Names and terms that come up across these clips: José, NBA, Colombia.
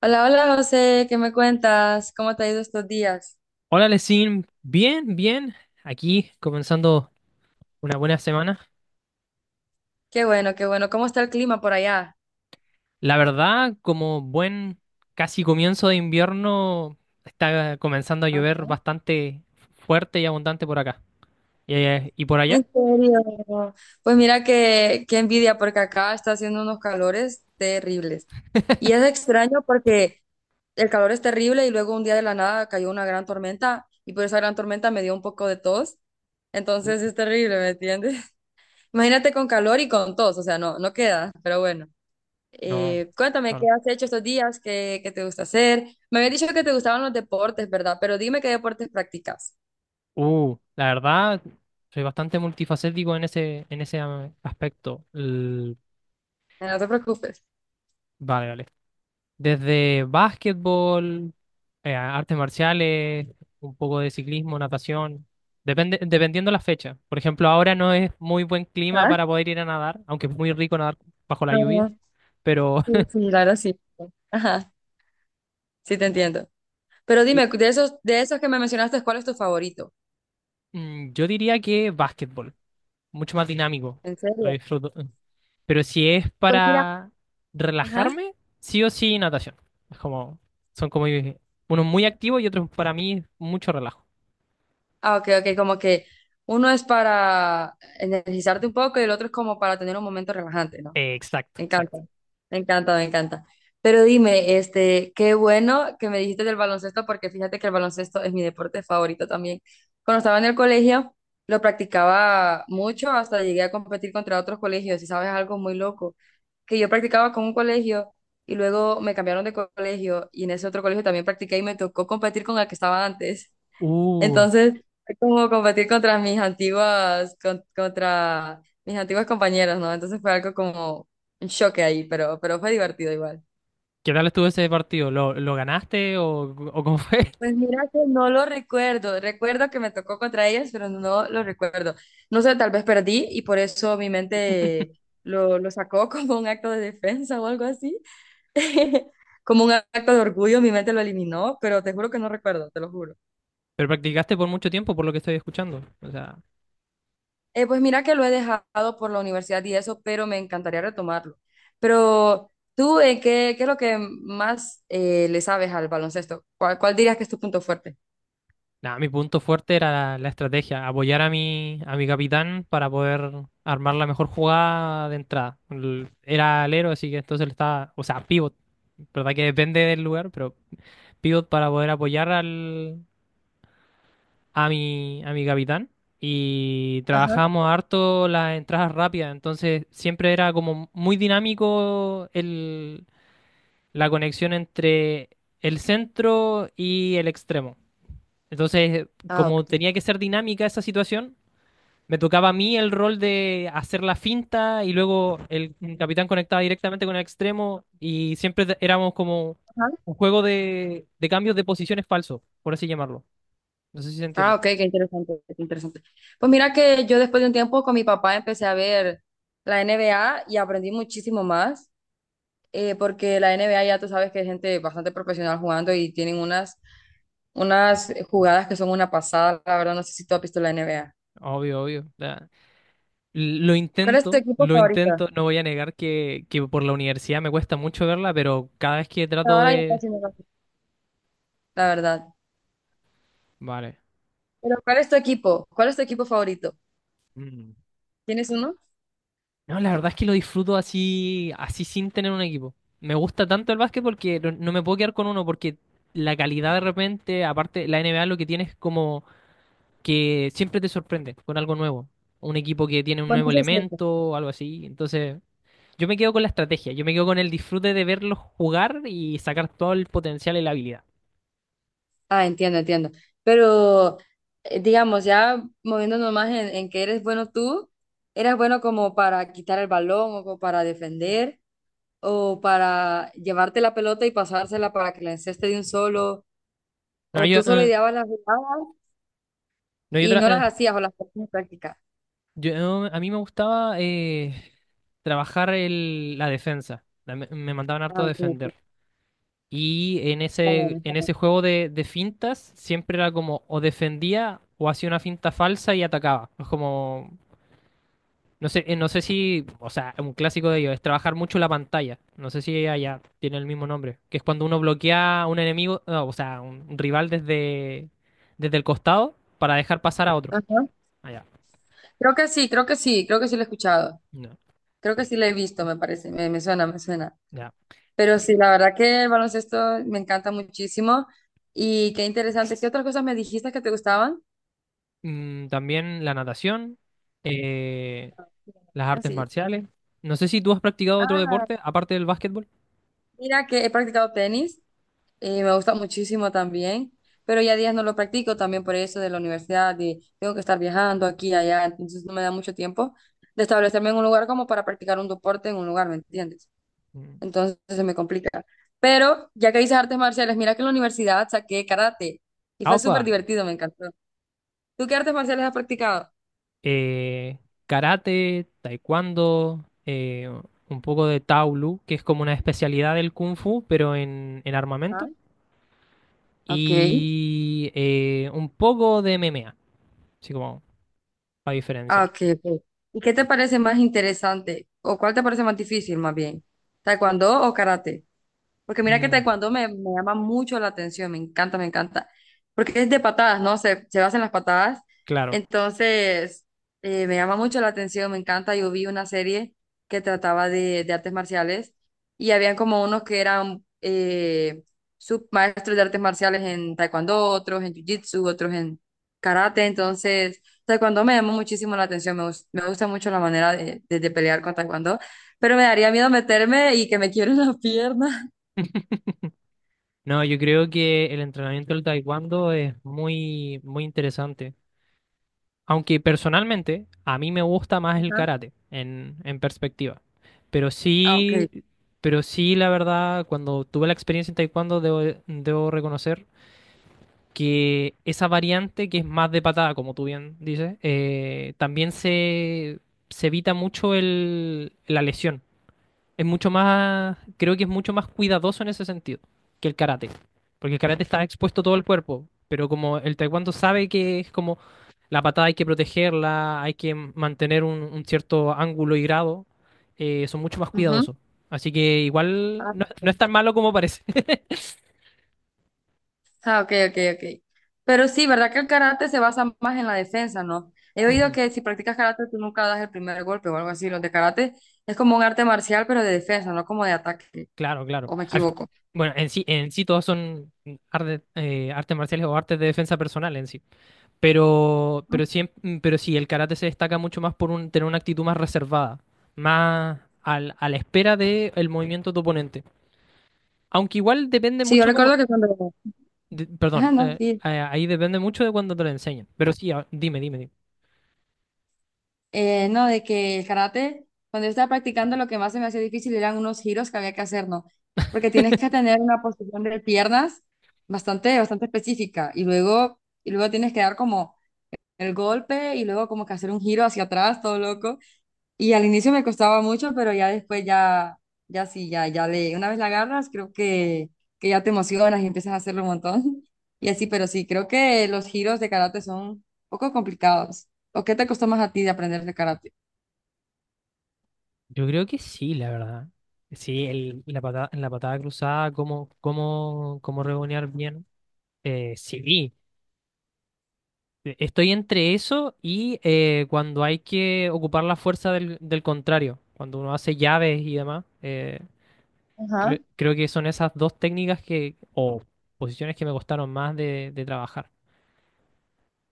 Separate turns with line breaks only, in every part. Hola, hola José, ¿qué me cuentas? ¿Cómo te ha ido estos días?
Hola, Lesin. Bien, bien. Aquí comenzando una buena semana.
Qué bueno, qué bueno. ¿Cómo está el clima por allá?
La verdad, como buen casi comienzo de invierno, está comenzando a llover
Ajá.
bastante fuerte y abundante por acá. Y por
¿En
allá?
serio? Pues mira qué envidia porque acá está haciendo unos calores terribles. Y es extraño porque el calor es terrible y luego un día de la nada cayó una gran tormenta y por esa gran tormenta me dio un poco de tos. Entonces es terrible, ¿me entiendes? Imagínate con calor y con tos, o sea, no queda, pero bueno.
No,
Cuéntame, ¿qué
claro.
has hecho estos días? ¿Qué te gusta hacer? Me habías dicho que te gustaban los deportes, ¿verdad? Pero dime qué deportes practicas.
La verdad, soy bastante multifacético en en ese aspecto.
No te preocupes.
Vale, vale. Desde básquetbol, artes marciales, un poco de ciclismo, natación, dependiendo la fecha. Por ejemplo, ahora no es muy buen clima
Ah,
para poder ir a nadar, aunque es muy rico nadar bajo la lluvia,
no,
pero
sí, sí, claro, sí. Ajá, sí te entiendo. Pero
y-
dime, de esos que me mencionaste, ¿cuál es tu favorito?
yo diría que básquetbol, mucho más dinámico,
¿En
lo
serio?
disfruto. Pero si es
Pues mira.
para
Ajá.
relajarme, sí o sí natación. Es como, son como unos muy activos y otros para mí mucho relajo.
Ah, ok, ok, como que uno es para energizarte un poco y el otro es como para tener un momento relajante, ¿no?
Exacto,
Me encanta,
exacto.
me encanta, me encanta. Pero dime, este, qué bueno que me dijiste del baloncesto, porque fíjate que el baloncesto es mi deporte favorito también. Cuando estaba en el colegio, lo practicaba mucho, hasta llegué a competir contra otros colegios, y sabes, algo muy loco, que yo practicaba con un colegio y luego me cambiaron de colegio y en ese otro colegio también practiqué y me tocó competir con el que estaba antes.
Uh.
Entonces, fue como competir contra mis antiguas, contra mis antiguas compañeras, ¿no? Entonces fue algo como un choque ahí, pero fue divertido igual.
¿Qué tal estuvo ese partido? Lo ganaste o cómo fue?
Pues mira que no lo recuerdo. Recuerdo que me tocó contra ellas, pero no lo recuerdo. No sé, tal vez perdí y por eso mi mente lo sacó como un acto de defensa o algo así. Como un acto de orgullo, mi mente lo eliminó, pero te juro que no recuerdo, te lo juro.
Pero practicaste por mucho tiempo, por lo que estoy escuchando. O sea,
Pues mira que lo he dejado por la universidad y eso, pero me encantaría retomarlo. Pero tú, ¿qué, qué es lo que más le sabes al baloncesto? ¿Cuál dirías que es tu punto fuerte?
nada, mi punto fuerte era la estrategia, apoyar a a mi capitán para poder armar la mejor jugada de entrada. Era alero, así que entonces le estaba, o sea, pivot, verdad que depende del lugar, pero pivot para poder apoyar al, a a mi capitán. Y
Ajá,
trabajamos harto las entradas rápidas, entonces siempre era como muy dinámico la conexión entre el centro y el extremo. Entonces,
Ah, ok.
como tenía que ser dinámica esa situación, me tocaba a mí el rol de hacer la finta y luego el capitán conectaba directamente con el extremo y siempre éramos como
Ajá.
un juego de cambios de posiciones falsos, por así llamarlo. No sé si se
Ah,
entiende.
ok, qué interesante, qué interesante. Pues mira que yo después de un tiempo con mi papá empecé a ver la NBA y aprendí muchísimo más, porque la NBA ya tú sabes que hay gente bastante profesional jugando y tienen unas jugadas que son una pasada, la verdad no sé si tú has visto la NBA.
Obvio, obvio. Ya. Lo
¿Cuál es tu
intento,
equipo
lo
favorito?
intento. No voy a negar que por la universidad me cuesta mucho verla, pero cada vez que trato
Ahora ya
de...
casi no lo veo, la verdad.
Vale.
Pero ¿cuál es tu equipo? ¿Cuál es tu equipo favorito? ¿Tienes uno?
No, la verdad es que lo disfruto así, así sin tener un equipo. Me gusta tanto el básquet porque no, no me puedo quedar con uno, porque la calidad de repente, aparte, la NBA lo que tiene es como que siempre te sorprende con algo nuevo. Un equipo que tiene un
Bueno,
nuevo
eso es cierto.
elemento, algo así. Entonces, yo me quedo con la estrategia, yo me quedo con el disfrute de verlos jugar y sacar todo el potencial y la habilidad.
Ah, entiendo, entiendo. Pero, digamos, ya moviéndonos más en que eres bueno tú, ¿eras bueno como para quitar el balón o como para defender o para llevarte la pelota y pasársela para que la enceste de un solo?
No,
¿O tú solo ideabas las jugadas
no,
y no las hacías o las ponías en práctica?
a mí me gustaba trabajar la defensa. Me mandaban harto
Ah,
a
ok,
defender.
ok.
Y en
Está bien, está
en
bien.
ese juego de fintas siempre era como o defendía o hacía una finta falsa y atacaba. No sé, no sé si, o sea, un clásico de ellos es trabajar mucho la pantalla. No sé si allá tiene el mismo nombre, que es cuando uno bloquea a un enemigo, no, o sea, un rival desde, desde el costado para dejar pasar a otro.
Ajá.
Allá.
Creo que sí, creo que sí, creo que sí lo he escuchado.
No,
Creo que sí la he visto, me parece, me suena, me suena.
ya.
Pero
Eh,
sí, la verdad que el baloncesto me encanta muchísimo y qué interesante. ¿Qué otras cosas me dijiste que te gustaban?
también la natación, eh, las artes
Así.
marciales. No sé si tú has practicado otro
Ah,
deporte aparte del básquetbol.
mira que he practicado tenis y me gusta muchísimo también, pero ya días no lo practico también por eso de la universidad y tengo que estar viajando aquí y allá, entonces no me da mucho tiempo de establecerme en un lugar como para practicar un deporte en un lugar, ¿me entiendes?
Mm.
Entonces se me complica. Pero ya que dices artes marciales, mira que en la universidad saqué karate y fue súper
Opa,
divertido, me encantó. ¿Tú qué artes marciales has practicado?
eh, karate, taekwondo, un poco de Taolu, que es como una especialidad del kung fu, pero en
Ah,
armamento.
ok.
Y un poco de MMA, así como para
Ah,
diferenciar.
ok, ok. ¿Y qué te parece más interesante? ¿O cuál te parece más difícil, más bien? ¿Taekwondo o karate? Porque mira que
Mm,
taekwondo me llama mucho la atención, me encanta, me encanta. Porque es de patadas, ¿no? Se basa en las patadas.
claro.
Entonces, me llama mucho la atención, me encanta. Yo vi una serie que trataba de artes marciales y habían como unos que eran submaestros de artes marciales en taekwondo, otros en jiu-jitsu, otros en karate. Entonces, taekwondo me llamó muchísimo la atención, me, me gusta mucho la manera de pelear con taekwondo, pero me daría miedo meterme y que me quiebren las piernas.
No, yo creo que el entrenamiento del taekwondo es muy, muy interesante. Aunque personalmente a mí me gusta más el karate en perspectiva. Pero
Ah, ok.
sí, pero sí, la verdad, cuando tuve la experiencia en taekwondo, debo, debo reconocer que esa variante que es más de patada, como tú bien dices, también se evita mucho la lesión. Es mucho más, creo que es mucho más cuidadoso en ese sentido que el karate. Porque el karate está expuesto todo el cuerpo, pero como el taekwondo sabe que es como la patada hay que protegerla, hay que mantener un cierto ángulo y grado, son mucho más
Ujú.
cuidadosos. Así que igual
Ah,
no, no es tan malo como parece.
Ah, ok, ok, ok. Pero sí, ¿verdad que el karate se basa más en la defensa, ¿no? He oído que si practicas karate tú nunca das el primer golpe o algo así. Los de karate es como un arte marcial, pero de defensa, no como de ataque,
Claro, claro.
o me equivoco.
Bueno, en sí todos son artes marciales o artes de defensa personal en sí. Pero sí, pero sí, el karate se destaca mucho más por tener una actitud más reservada, a la espera del movimiento de tu oponente. Aunque igual depende
Sí, yo
mucho como...
recuerdo que cuando... Ajá,
perdón,
no, sí.
ahí depende mucho de cuando te lo enseñen. Pero sí, dime, dime, dime.
No, de que el karate, cuando yo estaba practicando, lo que más se me hacía difícil eran unos giros que había que hacer, ¿no? Porque tienes que tener una posición de piernas bastante, bastante específica y luego tienes que dar como el golpe y luego como que hacer un giro hacia atrás, todo loco. Y al inicio me costaba mucho, pero ya después ya, ya sí, ya, ya le, una vez la agarras, creo que ya te emocionas y empiezas a hacerlo un montón. Y así, pero sí, creo que los giros de karate son un poco complicados. ¿O qué te costó más a ti de aprender de karate?
Yo creo que sí, la verdad. Sí, la patada cruzada, cómo rebonear bien. Eh, sí, Estoy entre eso y cuando hay que ocupar la fuerza del, del contrario, cuando uno hace llaves y demás.
Ajá.
Creo que son esas dos técnicas que, o posiciones que me costaron más de trabajar.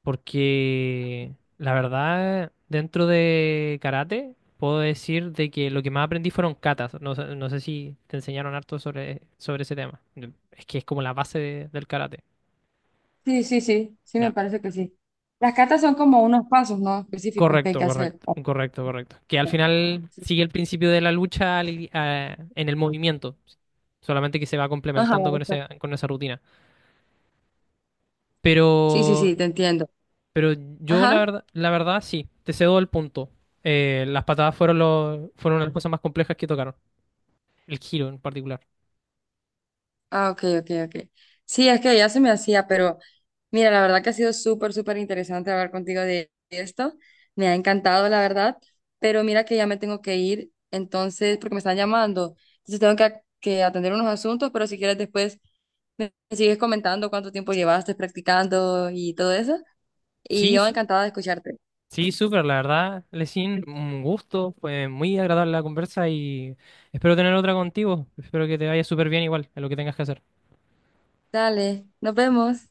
Porque la verdad, dentro de karate, puedo decir de que lo que más aprendí fueron katas. No sé si te enseñaron harto sobre, sobre ese tema. Es que es como del karate.
Sí, sí, sí, sí, me
Ya.
parece que sí. Las catas son como unos pasos, ¿no? Específicos que hay
Correcto,
que hacer.
correcto, correcto, correcto. Que al final
Sí, sí,
sigue el principio de la lucha en el movimiento, solamente que se va
Ajá,
complementando con
exacto.
ese, con esa rutina.
Sí, sí, sí,
Pero,
te entiendo.
pero yo
Ajá.
la verdad sí, te cedo el punto. Las patadas fueron las cosas más complejas que tocaron, el giro en particular.
Ah, ok, ok, ok. Sí, es que ya se me hacía, pero mira, la verdad que ha sido súper, súper interesante hablar contigo de esto. Me ha encantado, la verdad, pero mira que ya me tengo que ir, entonces, porque me están llamando. Entonces tengo que atender unos asuntos, pero si quieres después me sigues comentando cuánto tiempo llevaste practicando y todo eso. Y
Sí,
yo
su-
encantada de escucharte.
sí, súper, la verdad, Lesin, un gusto, fue muy agradable la conversa y espero tener otra contigo. Espero que te vaya súper bien igual en lo que tengas que hacer.
Dale, nos vemos.